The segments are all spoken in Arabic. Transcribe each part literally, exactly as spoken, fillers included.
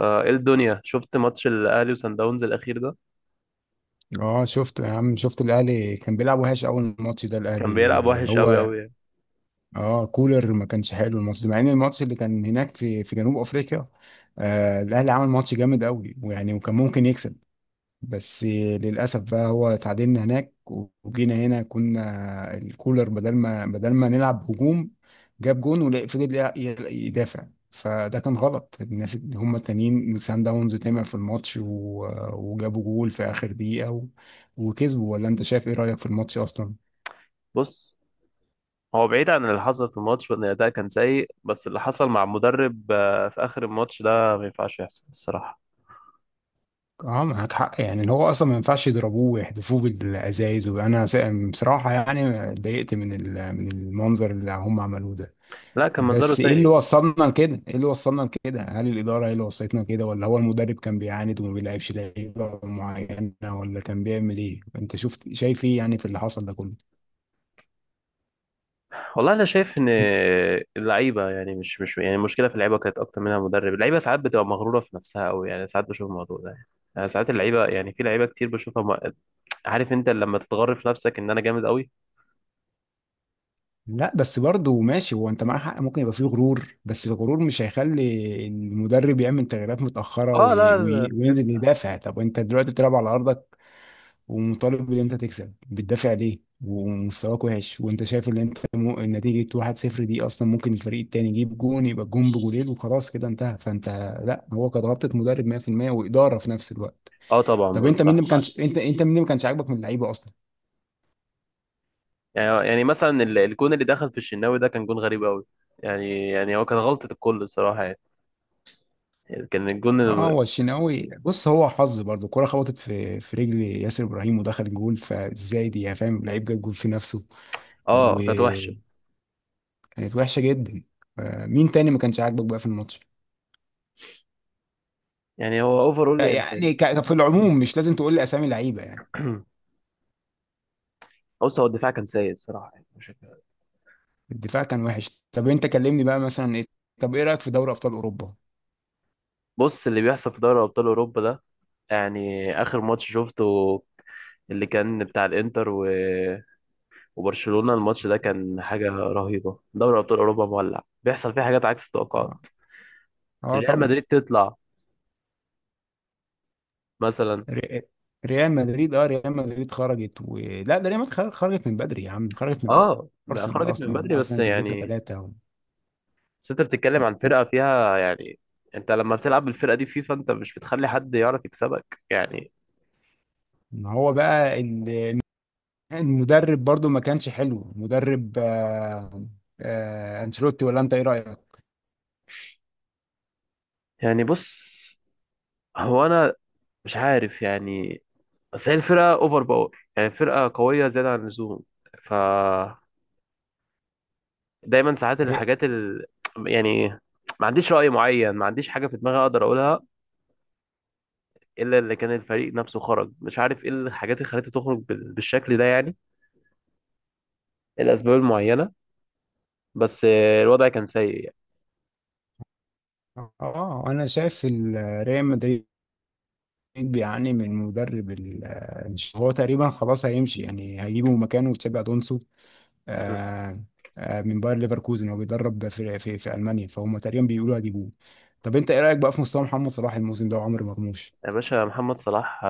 آه، ايه الدنيا، شفت ماتش الاهلي وسان داونز الاخير ده اه شفت يا عم شفت الاهلي كان بيلعب وحش. اول ماتش ده كان بيلعب الاهلي وحش قوي هو قوي يعني. اه كولر ما كانش حلو الماتش ده، مع ان الماتش اللي كان هناك في في جنوب افريقيا آه الاهلي عمل ماتش جامد قوي، ويعني وكان ممكن يكسب بس للأسف بقى هو تعادلنا هناك. وجينا هنا كنا الكولر بدل ما بدل ما نلعب هجوم جاب جون وفضل يدافع، فده كان غلط. الناس اللي هم التانيين سان داونز تمع في الماتش و- وجابوا جول في آخر دقيقة و- وكسبوا، ولا أنت شايف إيه رأيك في الماتش أصلا؟ بص، هو بعيد عن اللي حصل في الماتش وان الاداء كان سيء، بس اللي حصل مع المدرب آه، في اخر الماتش ده ما ينفعش يحصل الصراحه. اه معاك حق، يعني اللي هو اصلا ما ينفعش يضربوه ويحدفوه بالازايز، وانا س- بصراحه يعني اتضايقت من ال- من المنظر اللي هم عملوه ده. لا، كان منظره بس ايه اللي سيء. وصلنا لكده؟ ايه اللي وصلنا لكده؟ هل الاداره هي اللي وصلتنا كده، ولا هو المدرب كان بيعاند وما بيلعبش لعيبه معينه، ولا كان بيعمل ايه؟ انت شفت شايف ايه يعني في اللي حصل ده كله؟ والله انا شايف ان اللعيبه، يعني مش مش يعني المشكله في اللعيبه كانت اكتر منها المدرب. اللعيبه ساعات بتبقى مغروره في نفسها قوي، يعني ساعات بشوف الموضوع ده يعني يعني ساعات اللعيبه، يعني في لعيبه كتير بشوفها م- عارف انت لما تتغر في نفسك ان انا جامد قوي. لا بس برضه ماشي، هو انت معاك حق ممكن يبقى فيه غرور، بس الغرور مش هيخلي المدرب يعمل تغييرات متاخره اه، وي- لا لا، وي- بجد. وينزل يدافع. طب انت دلوقتي بتلعب على ارضك ومطالب ان انت تكسب، بتدافع ليه ومستواك وحش، وانت شايف ان انت م- نتيجة واحد صفر دي اصلا ممكن الفريق التاني يجيب جون يبقى الجون بجولين وخلاص كده انتهى، فانت لا، هو كانت غلطة مدرب مية في المية وإدارة في نفس الوقت. اه طبعا، طب برضه انت مين اللي صح. ما كانش انت انت مين اللي ما كانش عاجبك من اللعيبة اصلا؟ يعني يعني مثلا ال- الجون اللي دخل في الشناوي ده كان جون غريب قوي. يعني يعني هو كان غلطة الكل الصراحة يعني. يعني كان الجون اه، هو الشناوي بص هو حظ برضه، الكرة خبطت في في رجل ياسر ابراهيم ودخل جول، فازاي دي يا فاهم، لعيب جاب جول في نفسه. اه كانت وحشة. وكانت وحشة جدا. آه، مين تاني ما كانش عاجبك بقى في الماتش؟ يعني هو اوفرول يعني كان- يعني ك- في العموم مش لازم تقول لي اسامي لعيبه يعني. بص، هو الدفاع كان سيء الصراحة، يعني مش هك- الدفاع كان وحش، طب انت كلمني بقى مثلا ايه. طب ايه رايك في دوري ابطال اوروبا؟ بص، اللي بيحصل في دوري أبطال أوروبا ده، يعني آخر ماتش شفته اللي كان بتاع الإنتر و... وبرشلونة، الماتش ده كان حاجة رهيبة. دوري أبطال أوروبا مولع، بيحصل فيه حاجات عكس اه، التوقعات. اه ريال طبعا. مدريد تطلع مثلا. ري- ريال مدريد اه ريال مدريد خرجت، ولا ده ريال مدريد خر- خرجت من بدري يا عم، خرجت من اه، ما ارسنال. خرجت من بدري اصلا بس ارسنال كسبتها يعني. ثلاثه و... بس انت و... بتتكلم عن و- فرقة فيها، يعني انت لما بتلعب بالفرقة دي فيفا، انت مش بتخلي حد يعرف يكسبك يعني. ان هو بقى ال- المدرب برضو ما كانش حلو مدرب آه... آه... انشيلوتي، ولا انت ايه رايك؟ يعني بص، هو انا مش عارف يعني، بس هي الفرقة اوفر باور، يعني فرقة قوية زيادة عن اللزوم. ف دايما ساعات هي- الحاجات ال... يعني ما عنديش رأي معين، ما عنديش حاجة في دماغي اقدر اقولها الا اللي كان الفريق نفسه خرج، مش عارف ايه الحاجات اللي خلته تخرج بال- بالشكل ده يعني. إيه الاسباب المعينة؟ بس الوضع كان سيء اه انا شايف ال- ريال مدريد بيعاني من مدرب ال- آه، هو تقريبا خلاص هيمشي، يعني هيجيبه مكانه تشابي الونسو، يعني. آه، آه، من باير ليفركوزن، هو بيدرب في في, في المانيا، فهم تقريبا بيقولوا هيجيبوه. طب انت ايه رايك بقى في مستوى محمد صلاح الموسم ده وعمر مرموش؟ يا باشا، محمد صلاح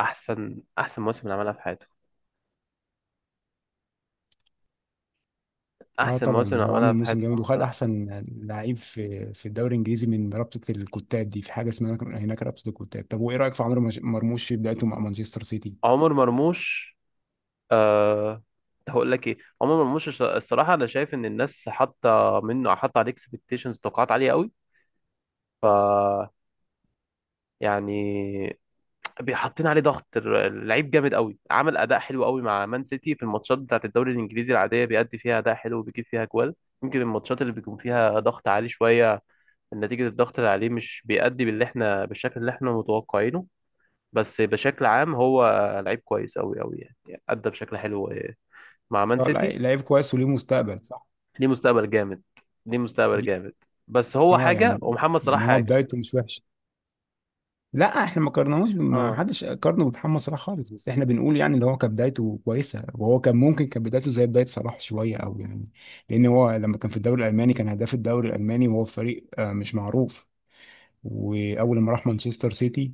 احسن احسن موسم عملها في حياته. اه احسن موسم طبعا هو عملها عامل في موسم حياته جامد، محمد وخد صلاح. احسن لعيب في في الدوري الانجليزي من رابطه الكتاب دي، في حاجه اسمها هناك رابطه الكتاب. طب وايه رايك في عمر مش- مرموش في بدايته مع مانشستر سيتي؟ عمر مرموش، أه. هقول لك ايه، عمر مرموش الص- الصراحه انا شايف ان الناس حاطه منه حاطه عليه اكسبكتيشنز، توقعات عاليه قوي. ف يعني، حاطين عليه ضغط ال- اللعيب جامد قوي، عمل اداء حلو قوي مع مان سيتي. في الماتشات بتاعت الدوري الانجليزي العاديه بيأدي فيها اداء حلو وبيجيب فيها جوال. يمكن الماتشات اللي بيكون فيها ضغط عالي شويه، نتيجه الضغط اللي عليه، مش بيأدي باللي احنا بالشكل اللي احنا متوقعينه. بس بشكل عام، هو لعيب كويس أوي أوي، يعني يعني أدى بشكل حلو مع مان اه سيتي. لعيب، لعيب كويس وليه مستقبل صح ليه مستقبل جامد، ليه مستقبل دي. جامد. بس هو اه حاجة يعني، ومحمد صلاح يعني هو حاجة. بدايته مش وحشه، لا احنا ما قارناهوش، ما اه، حدش قارنه بمحمد صلاح خالص، بس احنا بنقول يعني اللي هو كان بدايته كويسه، وهو كان ممكن كان بدايته زي بدايه صلاح شويه او يعني لان هو لما كان في الدوري الالماني كان هداف الدوري الالماني، وهو في فريق آه، مش معروف. واول ما راح مانشستر سيتي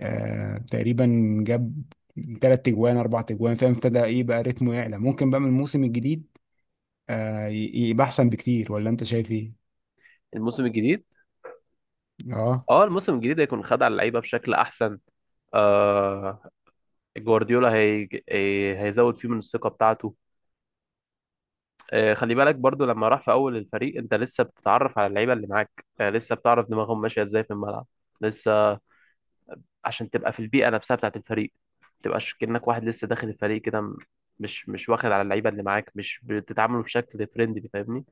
آه، تقريبا جاب ثلاث تجوان اربع تجوان فاهم، ابتدى ايه بقى رتمه يعلى ممكن بقى من الموسم الجديد آه، ي- يبقى احسن بكتير، ولا انت شايف ايه؟ الموسم الجديد. اه اه، الموسم الجديد هيكون خد على اللعيبة بشكل أحسن. آه جوارديولا هي... هي- هيزود فيه من الثقة بتاعته. آه خلي بالك برضو، لما راح في أول الفريق أنت لسه بتتعرف على اللعيبة اللي معاك، آه لسه بتعرف دماغهم ماشية إزاي في الملعب، لسه عشان تبقى في البيئه نفسها بتاعت الفريق. ما تبقاش كأنك واحد لسه داخل الفريق كده م- مش مش واخد على اللعيبه اللي معاك، مش بتتعاملوا بشكل فريندلي فاهمني.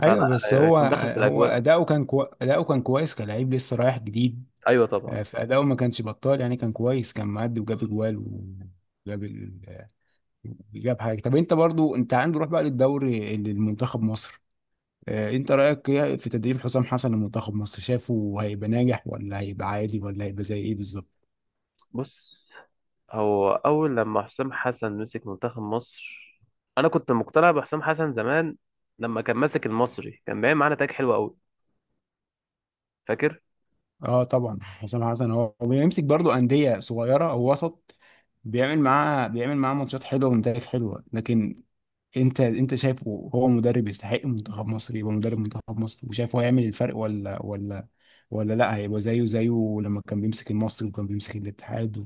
فلا، ايوه، بس آه، هو يكون داخل في هو الاجواء. اداؤه كان كو... اداؤه كان كويس كلاعب لسه رايح جديد ايوه طبعا. آه، في أداؤه ما كانش بطال يعني، كان كويس، كان معدي وجاب أجوال وجاب ال... آه، جاب حاجة. طب أنت برضو أنت عنده روح بقى للدوري للمنتخب مصر آه، أنت رأيك إيه في تدريب حسام حسن لمنتخب مصر؟ شافه هيبقى ناجح ولا هيبقى عادي ولا هيبقى زي إيه بالظبط؟ بص، هو اول لما حسام حسن مسك منتخب مصر انا كنت مقتنع بحسام حسن زمان. لما كان ماسك المصري كان باين معانا تاج حلو قوي، فاكر. أه طبعا حسام حسن هو هو بيمسك برضو أندية صغيرة أو وسط، بيعمل معاه بيعمل معاه ماتشات حلوة ونتائج حلوة، لكن انت انت شايفه هو مدرب يستحق منتخب مصر يبقى مدرب منتخب مصر، وشايفه هيعمل الفرق ولا ولا ولا لا، هيبقى زيه زيه لما كان بيمسك المصري وكان بيمسك الاتحاد و...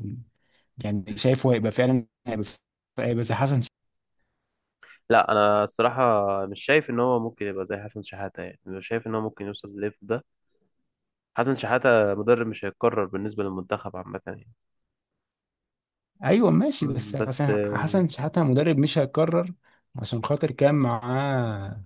يعني شايفه هيبقى فعلا هيبقى هيبقى زي حسن ش... لا، انا الصراحه مش شايف ان هو ممكن يبقى زي حسن شحاته، يعني مش شايف ان هو ممكن يوصل للليفل ده. حسن شحاته مدرب مش هيتكرر بالنسبه للمنتخب عامه يعني. ايوه ماشي، بس مم. بس عشان حسن شحاتة مدرب مش هيتكرر. عشان خاطر كان معاه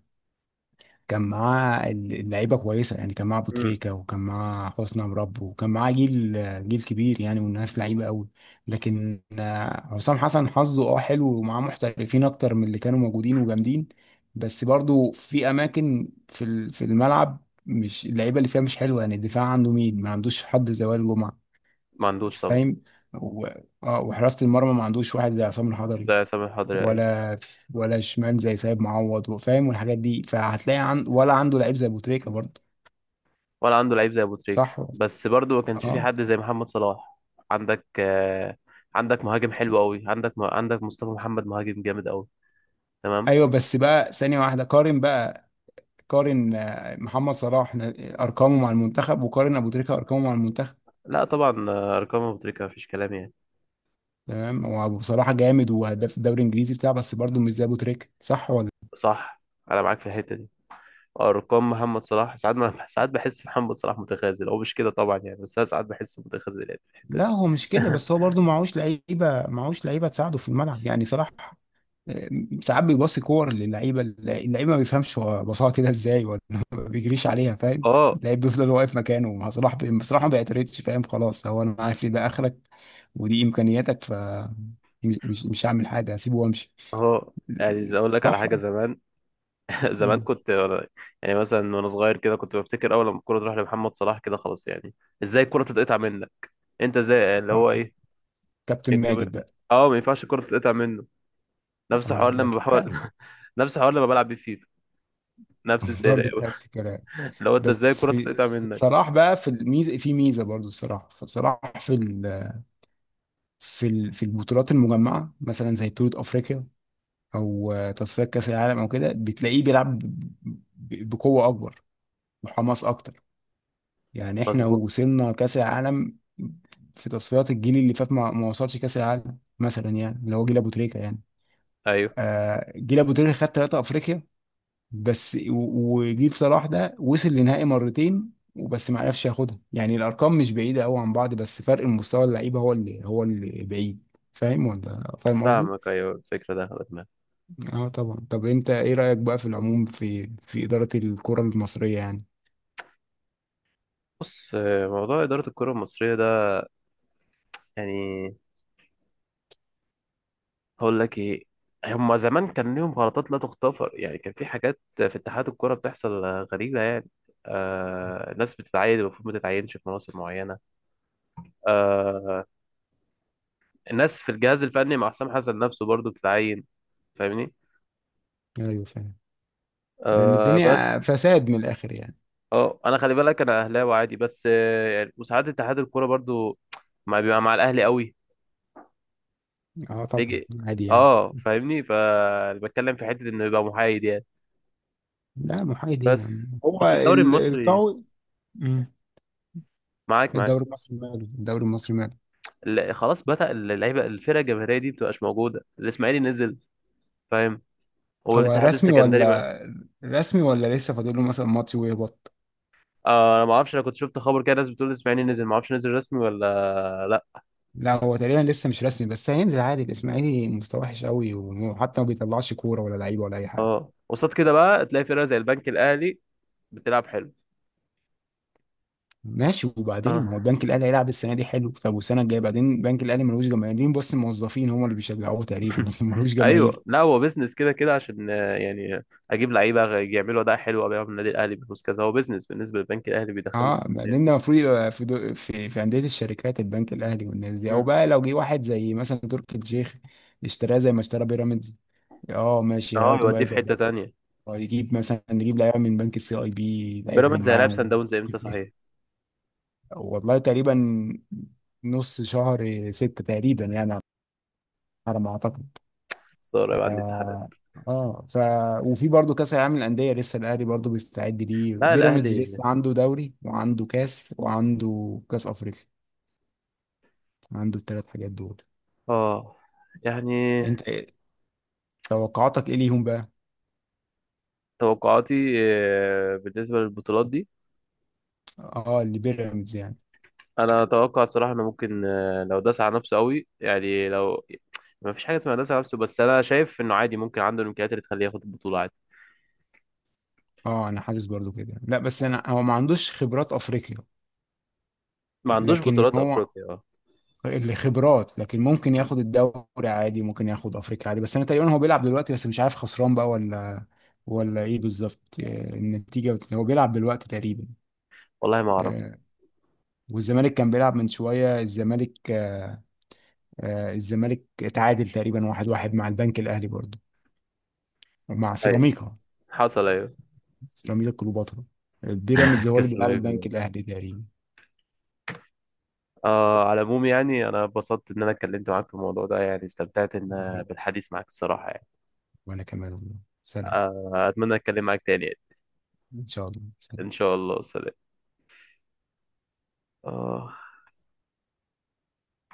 كان معاه اللعيبه كويسه، يعني كان معاه أبو مم. تريكة وكان معاه حسني عمرو وكان معاه جيل، جيل كبير يعني، والناس لعيبه قوي. لكن آه، حسام حسن حظه اه حلو، ومعاه محترفين اكتر من اللي كانوا موجودين وجامدين. بس برضو في اماكن في ال- في الملعب مش اللعيبه اللي فيها مش حلوه، يعني الدفاع عنده مين، ما عندوش حد زي وائل جمعه ما عندوش طبعا. فاهم، و- آه، وحراسه المرمى ما عندوش واحد زي عصام الحضري، زي عصام الحضري، ايوه. ولا ولا شمال زي سيد معوض فاهم، والحاجات دي، فهتلاقي عند، ولا عنده لعيب زي بوتريكا برضه، ولا عنده لعيب زي ابو تريكة، صح. بس برضو ما كانش في اه حد زي محمد صلاح. عندك آه، عندك مهاجم حلو قوي. عندك عندك مصطفى محمد، مهاجم جامد قوي. تمام. ايوه، بس بقى ثانية واحدة، قارن بقى قارن آه، محمد صلاح ن- ارقامه مع المنتخب، وقارن ابو تريكة ارقامه مع المنتخب. لا طبعا، آه، ارقام ابو تريكة ما فيش كلام يعني. تمام، هو ابو صلاح جامد، وهداف الدوري الانجليزي بتاعه، بس برضه مش زي ابو تريكة صح ولا. صح. انا معاك في الحته دي. ارقام محمد صلاح ساعات ما ساعات بحس محمد صلاح متخاذل، هو مش كده طبعا يعني، بس انا ساعات بحسه متخاذل يعني في الحته لا دي. هو مش كده، بس هو برضه معهوش لعيبة معهوش لعيبة تساعده في الملعب، يعني صلاح ساعات بيباصي كور للعيبه، اللعيبه ما بيفهمش هو باصاها كده ازاي ولا ما بيجريش عليها، فاهم، اه اللعيب بيفضل واقف مكانه، بصراحه بصراحه ما بيعترضش فاهم، خلاص هو انا عارف ان ده اخرك ودي امكانياتك، ف مش مش هعمل حاجه هسيبه وامشي. اه يعني اقول لك على صح. حاجه زمان. زمان مم. كنت يعني مثلا وانا صغير كده، كنت بفتكر اول لما الكوره تروح لمحمد صلاح كده خلاص يعني. ازاي الكوره تتقطع منك؟ انت ازاي اللي هو اه ايه كابتن الكورة- ماجد بقى. اه، ما ينفعش الكوره تتقطع منه. نفس اه الحوار لما لكن بحاول آه. نفس الحوار لما بلعب بيه فيفا. نفس السيرة. برضه نفس الكلام. لو انت، ازاي بس الكوره تتقطع بس منك؟ صلاح بقى في الميزه، في ميزه برضه الصراحه، فصلاح في ال... في ال... في البطولات المجمعه مثلا زي بطوله افريقيا او آه، تصفيات كاس العالم او كده بتلاقيه بيلعب ب- ب- بقوه اكبر، وحماس اكتر، يعني احنا مظبوط. وصلنا كاس العالم. في تصفيات الجيل اللي فات ما, ما وصلش كاس العالم مثلا، يعني اللي هو جيل ابو تريكه يعني. ايوه آه جيل ابو تريكه خد ثلاثه افريقيا بس، و- وجيل صلاح ده وصل لنهائي مرتين وبس، ما عرفش ياخدها، يعني الارقام مش بعيده قوي عن بعض، بس فرق المستوى اللعيبه هو اللي هو اللي بعيد، فاهم ولا فاهم قصدي. فاهمك، ايوه الفكره ده خدت بالي. اه طبعا. طب انت ايه رأيك بقى في العموم في في إدارة الكرة المصرية يعني؟ بص، آه، موضوع اداره الكره المصريه ده، يعني هقول لك ايه، هما زمان كان ليهم غلطات لا تغتفر، يعني كان في حاجات في اتحاد الكرة بتحصل آه، غريبة يعني. آه ناس بتتعين المفروض ما تتعينش في مناصب معينة. آه الناس في الجهاز الفني مع حسام حسن نفسه برضو بتتعين. فاهمني. ايوه فاهم. يعني آه الدنيا بس فساد من الاخر يعني. اه، انا خلي بالك انا اهلاوي عادي، بس آه يعني وساعات اتحاد الكرة برضو ما بيبقى مع الاهلي قوي. اه طبعا بيجي عادي يعني. اه فاهمني، فبتكلم في حتة انه يبقى محايد يعني. لا محايد ايه بس يعني، هو بس الدوري ال- المصري القوي. مم. معاك معاك. الدوري المصري ماله، الدوري المصري ماله. ال- خلاص بدأ اللعيبه الفرقه الجماهيريه دي بتبقاش موجوده، الاسماعيلي نزل فاهم. هو هو الاتحاد رسمي السكندري ما. ولا، رسمي ولا لسه فاضل له مثلا ماتش ويهبط؟ آه انا ما اعرفش، انا كنت شفت خبر كده، ناس بتقول الاسماعيلي نزل، ما اعرفش نزل رسمي ولا لا. لا هو تقريبا لسه مش رسمي، بس هينزل عادي، الاسماعيلي مستوى وحش قوي، وحتى ما بيطلعش كورة ولا لعيبة ولا اي حاجة. اه، قصاد كده بقى تلاقي فرقه زي البنك الاهلي بتلعب حلو، ماشي، وبعدين اه. ما هو البنك الاهلي هيلعب السنه دي حلو، طب والسنه الجايه بعدين؟ البنك الاهلي ملوش جماهيرين، بس الموظفين هم اللي بيشجعوه تقريبا لكن ملوش جماهير. ايوه، لا هو بيزنس كده كده عشان آه، يعني اجيب لعيبه غ- يعملوا اداء حلو ابيعهم النادي الاهلي بفلوس كذا، هو بيزنس بالنسبه للبنك الاهلي بيدخل له اه فلوس يعني. بعدين ده المفروض يبقى في دو... في في انديه الشركات البنك الاهلي والناس دي، او مم. بقى لو جه واحد زي مثلا تركي الشيخ اشتراه زي ما اشترى بيراميدز، اه ماشي اه، هياخده بقى يوديه في حته يظبط. تانيه. أو يجيب مثلا نجيب لعيبه من بنك السي اي بي لعيبهم بيراميدز هيلاعب سان معاهم داونز امتى صحيح؟ والله تقريبا نص شهر ستة تقريبا يعني، على ما اعتقد. خساره يبقى عندي امتحانات. اه آه. ف وفي برضه كاس العالم للانديه لسه الاهلي برضه بيستعد ليه، لا بيراميدز الاهلي. لسه عنده دوري وعنده كاس وعنده كاس افريقيا، عنده الثلاث حاجات دول. اه يعني، انت إيه توقعاتك ايه ليهم بقى؟ توقعاتي آه، بالنسبة للبطولات دي، اه لبيراميدز يعني. انا اتوقع الصراحة انه ممكن آه، لو داس على نفسه قوي، يعني لو ما فيش حاجة اسمها داس على نفسه، بس انا شايف انه عادي ممكن عنده الامكانيات اللي تخليه ياخد البطولة عادي. اه انا حاسس برضه كده، لا بس انا هو ما عندوش خبرات افريقيا، ما عندوش لكن بطولات هو افريقيا، اه. اللي خبرات، لكن ممكن مم. ياخد الدوري عادي ممكن ياخد افريقيا عادي. بس انا تقريبا هو بيلعب دلوقتي بس مش عارف خسران بقى ولا ولا ايه بالظبط، آه، النتيجة بت- هو بيلعب دلوقتي تقريبا. والله ما اعرف. آه، والزمالك كان بيلعب من شوية الزمالك آه، آه، الزمالك اتعادل تقريبا واحد واحد مع البنك الأهلي برضه، ومع ايوه سيراميكا، حصل، ايوه. سيراميكا كليوباترا. بيراميدز هو اللي كاس بيلعب الملك البنك للأبطال. الأهلي تقريبا. آه على العموم يعني، انا اتبسطت ان انا اتكلمت معاك في الموضوع ده، يعني استمتعت و- ان بالحديث معاك الصراحة يعني. وأنا كمان والله. سلام. آه اتمنى اتكلم معاك تاني يعني. إن شاء الله، ان سلام. شاء الله، سلام. آه